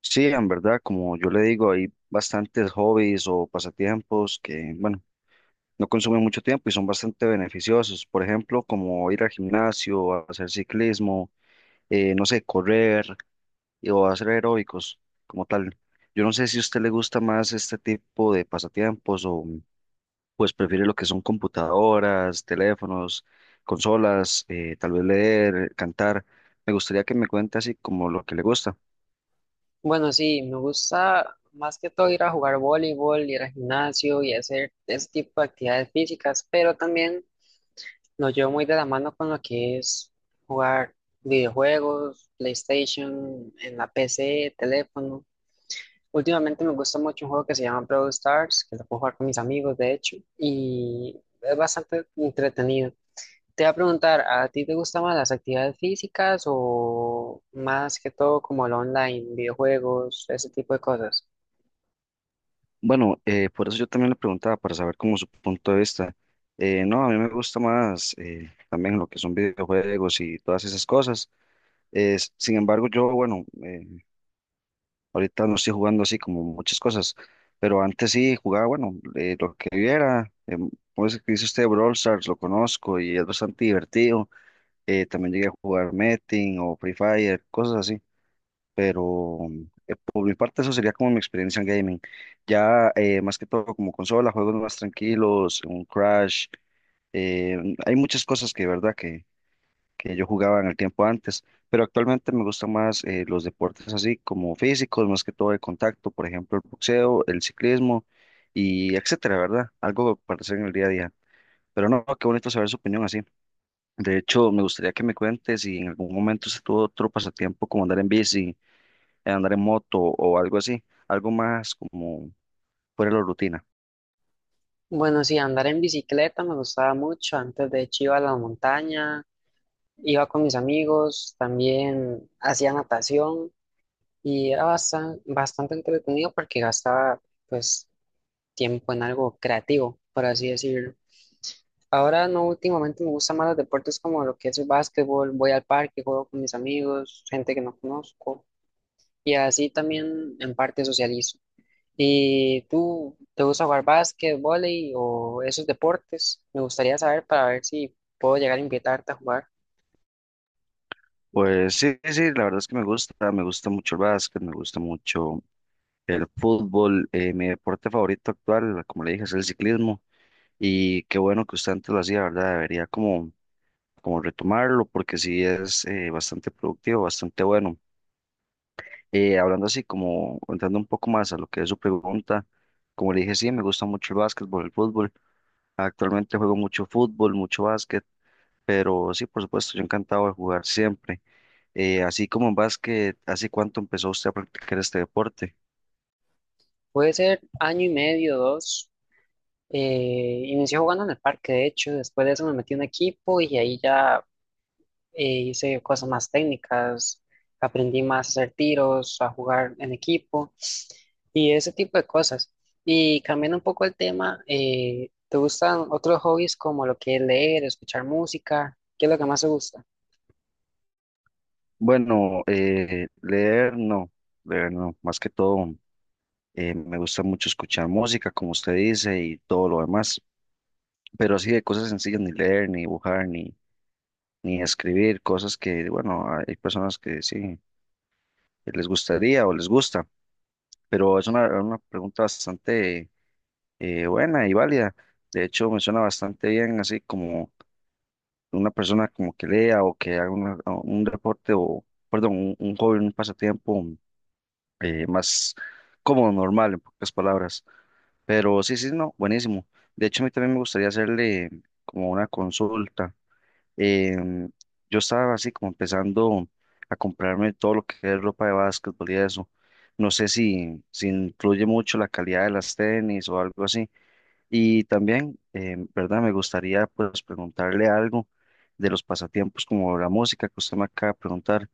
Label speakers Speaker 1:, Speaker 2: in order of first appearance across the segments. Speaker 1: Sí, en verdad, como yo le digo, hay bastantes hobbies o pasatiempos que, bueno, no consumen mucho tiempo y son bastante beneficiosos. Por ejemplo, como ir al gimnasio, a hacer ciclismo, no sé, correr o hacer aeróbicos como tal. Yo no sé si a usted le gusta más este tipo de pasatiempos o pues prefiere lo que son computadoras, teléfonos, consolas, tal vez leer, cantar. Me gustaría que me cuente así como lo que le gusta.
Speaker 2: Bueno, sí, me gusta más que todo ir a jugar voleibol, ir al gimnasio y hacer ese tipo de actividades físicas, pero también lo llevo muy de la mano con lo que es jugar videojuegos, PlayStation, en la PC, teléfono. Últimamente me gusta mucho un juego que se llama Brawl Stars, que lo puedo jugar con mis amigos, de hecho, y es bastante entretenido. Te voy a preguntar, ¿a ti te gustan más las actividades físicas o más que todo como lo online, videojuegos, ese tipo de cosas?
Speaker 1: Bueno, por eso yo también le preguntaba, para saber cómo su punto de vista. No, a mí me gusta más también lo que son videojuegos y todas esas cosas. Sin embargo, yo, bueno, ahorita no estoy jugando así como muchas cosas, pero antes sí jugaba, bueno, lo que viera. ¿Cómo es que dice usted? Brawl Stars, lo conozco y es bastante divertido. También llegué a jugar Metin o Free Fire, cosas así pero por mi parte eso sería como mi experiencia en gaming. Ya más que todo como consola, juegos más tranquilos, un Crash, eh, hay muchas cosas que, verdad, que yo jugaba en el tiempo antes, pero actualmente me gustan más los deportes así como físicos, más que todo de contacto, por ejemplo, el boxeo, el ciclismo y etcétera, ¿verdad? Algo para hacer en el día a día. Pero no, qué bonito saber su opinión así. De hecho, me gustaría que me cuentes si en algún momento se tuvo otro pasatiempo como andar en bici, andar en moto o algo así, algo más como fuera de la rutina.
Speaker 2: Bueno, sí, andar en bicicleta me gustaba mucho. Antes de hecho iba a la montaña, iba con mis amigos, también hacía natación y era bastante, bastante entretenido porque gastaba pues tiempo en algo creativo, por así decirlo. Ahora no, últimamente me gustan más los deportes como lo que es el básquetbol, voy al parque, juego con mis amigos, gente que no conozco y así también en parte socializo. ¿Y tú te gusta jugar básquet, vóley o esos deportes? Me gustaría saber para ver si puedo llegar a invitarte a jugar.
Speaker 1: Pues sí, sí, sí, la verdad es que me gusta mucho el básquet, me gusta mucho el fútbol, mi deporte favorito actual, como le dije, es el ciclismo y qué bueno que usted antes lo hacía, ¿verdad? Debería como, como retomarlo porque sí es bastante productivo, bastante bueno. Hablando así, como entrando un poco más a lo que es su pregunta, como le dije, sí, me gusta mucho el básquetbol, el fútbol. Actualmente juego mucho fútbol, mucho básquet. Pero sí, por supuesto, yo encantado de jugar siempre. Así como en básquet, ¿hace cuánto empezó usted a practicar este deporte?
Speaker 2: Puede ser año y medio, dos. Inicié jugando en el parque, de hecho, después de eso me metí en un equipo y ahí ya hice cosas más técnicas, aprendí más a hacer tiros, a jugar en equipo y ese tipo de cosas. Y cambiando un poco el tema, ¿te gustan otros hobbies como lo que es leer, escuchar música? ¿Qué es lo que más te gusta?
Speaker 1: Bueno, leer no, más que todo me gusta mucho escuchar música, como usted dice, y todo lo demás, pero así de cosas sencillas, ni leer, ni dibujar, ni, ni escribir, cosas que, bueno, hay personas que sí que les gustaría o les gusta, pero es una pregunta bastante buena y válida. De hecho, me suena bastante bien, así como una persona como que lea o que haga un deporte o, perdón, un hobby, un pasatiempo más como normal, en pocas palabras. Pero sí, sí, no, buenísimo. De hecho, a mí también me gustaría hacerle como una consulta. Em, yo estaba así como empezando a comprarme todo lo que es ropa de básquetbol y eso. No sé si, si influye mucho la calidad de las tenis o algo así. Y también, ¿verdad? Me gustaría pues preguntarle algo de los pasatiempos como la música que usted me acaba de preguntar.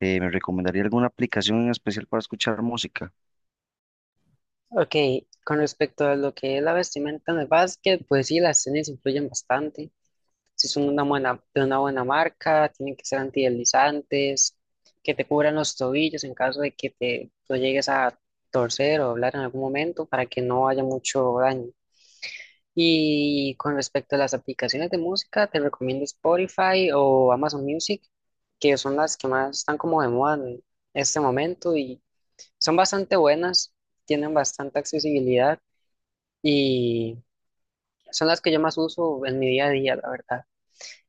Speaker 1: ¿Me recomendaría alguna aplicación en especial para escuchar música?
Speaker 2: Ok, con respecto a lo que es la vestimenta en el básquet, pues sí, las tenis influyen bastante. Si son una buena, de una buena marca, tienen que ser antideslizantes, que te cubran los tobillos en caso de que te lo llegues a torcer o doblar en algún momento para que no haya mucho daño. Y con respecto a las aplicaciones de música, te recomiendo Spotify o Amazon Music, que son las que más están como de moda en este momento y son bastante buenas, tienen bastante accesibilidad y son las que yo más uso en mi día a día, la verdad.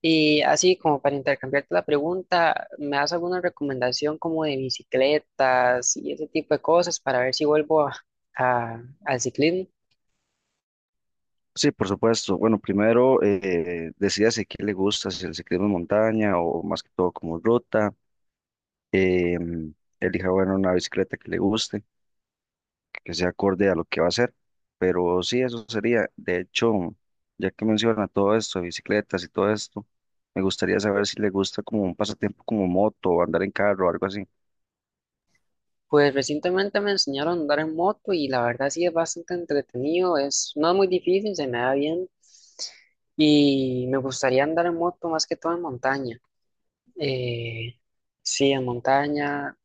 Speaker 2: Y así como para intercambiarte la pregunta, ¿me das alguna recomendación como de bicicletas y ese tipo de cosas para ver si vuelvo al ciclismo?
Speaker 1: Sí, por supuesto. Bueno, primero decídase qué le gusta, si el ciclismo en montaña o más que todo como ruta. em, Elija, bueno, una bicicleta que le guste que sea acorde a lo que va a hacer. Pero sí, eso sería. De hecho, ya que menciona todo esto, de bicicletas y todo esto, me gustaría saber si le gusta como un pasatiempo como moto o andar en carro o algo así.
Speaker 2: Pues recientemente me enseñaron a andar en moto y la verdad sí es bastante entretenido, es, no es muy difícil, se me da bien y me gustaría andar en moto más que todo en montaña. Eh, sí, en montaña.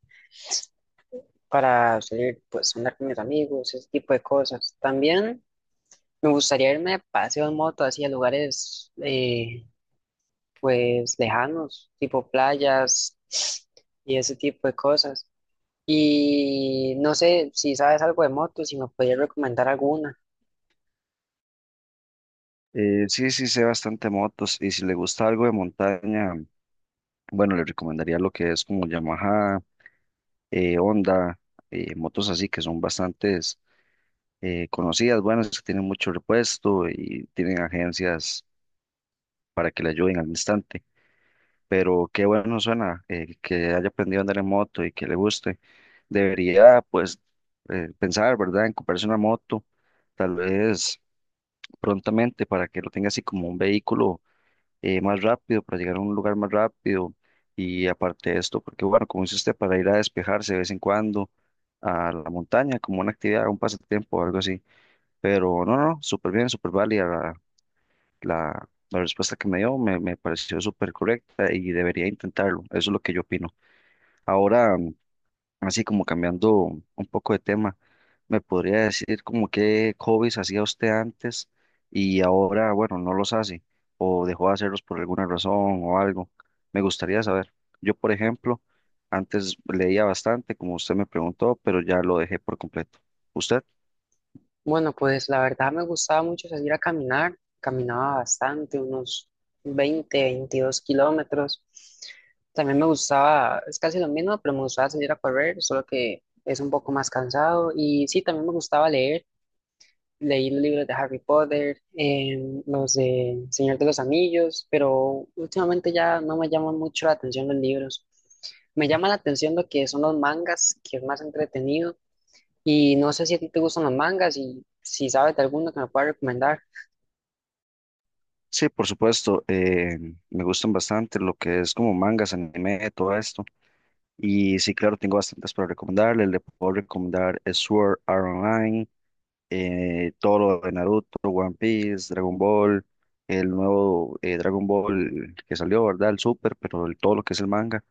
Speaker 2: Para salir, pues, a andar con mis amigos, ese tipo de cosas. También me gustaría irme de paseo en moto, así a lugares, pues, lejanos, tipo playas y ese tipo de cosas. Y no sé si sabes algo de motos, si me podrías recomendar alguna.
Speaker 1: Sí, sí, sé bastante motos y si le gusta algo de montaña, bueno, le recomendaría lo que es como Yamaha, Honda, motos así que son bastantes conocidas, buenas, que tienen mucho repuesto y tienen agencias para que le ayuden al instante. Pero qué bueno suena que haya aprendido a andar en moto y que le guste. Debería, pues, pensar, ¿verdad?, en comprarse una moto, tal vez prontamente, para que lo tenga así como un vehículo más rápido, para llegar a un lugar más rápido. Y aparte de esto, porque bueno, como dice usted, para ir a despejarse de vez en cuando a la montaña, como una actividad, un pasatiempo o algo así. Pero no, no, súper bien, súper válida la, la respuesta que me dio, me pareció súper correcta y debería intentarlo. Eso es lo que yo opino. Ahora, así como cambiando un poco de tema, ¿me podría decir como qué hobbies hacía usted antes y ahora, bueno, no los hace o dejó de hacerlos por alguna razón o algo? Me gustaría saber. Yo, por ejemplo, antes leía bastante, como usted me preguntó, pero ya lo dejé por completo. ¿Usted?
Speaker 2: Bueno, pues la verdad me gustaba mucho salir a caminar. Caminaba bastante, unos 20, 22 kilómetros. También me gustaba, es casi lo mismo, pero me gustaba salir a correr, solo que es un poco más cansado. Y sí, también me gustaba leer. Leí los libros de Harry Potter, los de Señor de los Anillos, pero últimamente ya no me llaman mucho la atención los libros. Me llama la atención lo que son los mangas, que es más entretenido y no sé si a ti te gustan los mangas y si sabes de alguno que me puedas recomendar.
Speaker 1: Sí, por supuesto. Me gustan bastante lo que es como mangas, anime, todo esto. Y sí, claro, tengo bastantes para recomendarle. Le puedo recomendar Sword Art Online, todo lo de Naruto, One Piece, Dragon Ball, el nuevo Dragon Ball que salió, ¿verdad? El Super, pero todo lo que es el manga.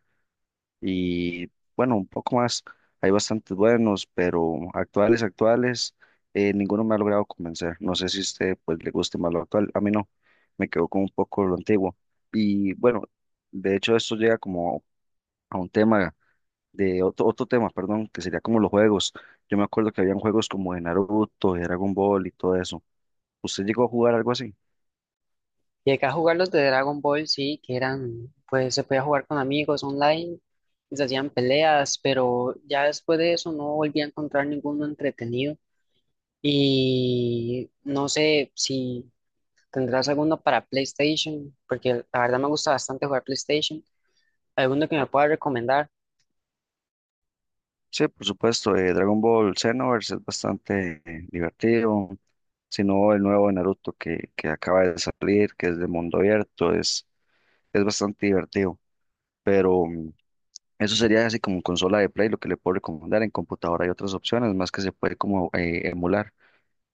Speaker 1: Y bueno, un poco más. Hay bastantes buenos, pero actuales, actuales, ninguno me ha logrado convencer. No sé si a usted pues, le guste más lo actual. A mí no, me quedo con un poco lo antiguo. Y bueno, de hecho, esto llega como a un tema de otro tema, perdón, que sería como los juegos. Yo me acuerdo que habían juegos como de Naruto, de Dragon Ball y todo eso. ¿Usted llegó a jugar algo así?
Speaker 2: Llegué a jugar los de Dragon Ball, sí, que eran, pues se podía jugar con amigos online, y se hacían peleas, pero ya después de eso no volví a encontrar ninguno entretenido. Y no sé si tendrás alguno para PlayStation, porque la verdad me gusta bastante jugar PlayStation. ¿Alguno que me pueda recomendar?
Speaker 1: Sí, por supuesto, Dragon Ball Xenoverse es bastante divertido, sino el nuevo de Naruto que acaba de salir, que es de mundo abierto, es bastante divertido, pero eso sería así como en consola de Play, lo que le puedo recomendar, en computadora hay otras opciones más que se puede como emular.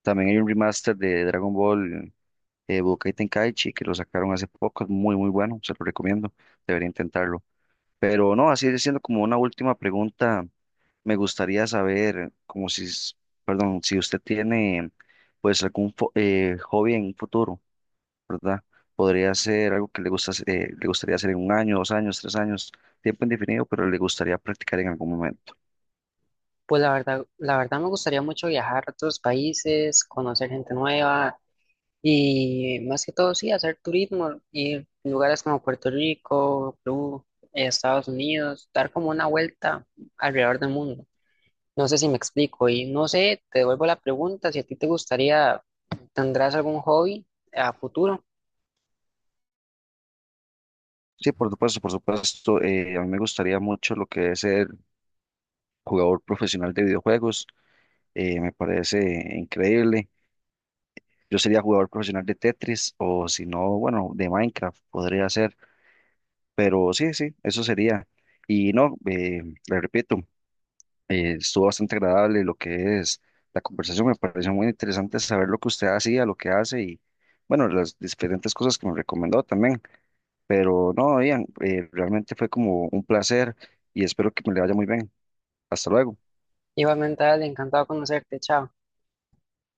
Speaker 1: También hay un remaster de Dragon Ball Budokai Tenkaichi, que lo sacaron hace poco, es muy, muy bueno, se lo recomiendo, debería intentarlo. Pero no, así siendo como una última pregunta, me gustaría saber, como si, perdón, si usted tiene pues algún hobby en un futuro, ¿verdad? Podría ser algo que le gusta, le gustaría hacer en 1 año, 2 años, 3 años, tiempo indefinido, pero le gustaría practicar en algún momento.
Speaker 2: Pues la verdad me gustaría mucho viajar a otros países, conocer gente nueva, y más que todo, sí, hacer turismo, ir a lugares como Puerto Rico, Perú, Estados Unidos, dar como una vuelta alrededor del mundo. No sé si me explico y no sé, te devuelvo la pregunta, si a ti te gustaría, ¿tendrás algún hobby a futuro?
Speaker 1: Sí, por supuesto, a mí me gustaría mucho lo que es ser jugador profesional de videojuegos, me parece increíble. Yo sería jugador profesional de Tetris o si no, bueno, de Minecraft podría ser, pero sí, sí, eso sería. Y no, le repito, estuvo bastante agradable lo que es la conversación, me pareció muy interesante saber lo que usted hacía, lo que hace y bueno, las diferentes cosas que me recomendó también, pero no, Ian, realmente fue como un placer y espero que me le vaya muy bien. Hasta luego.
Speaker 2: Igualmente, dale, encantado de conocerte, chao.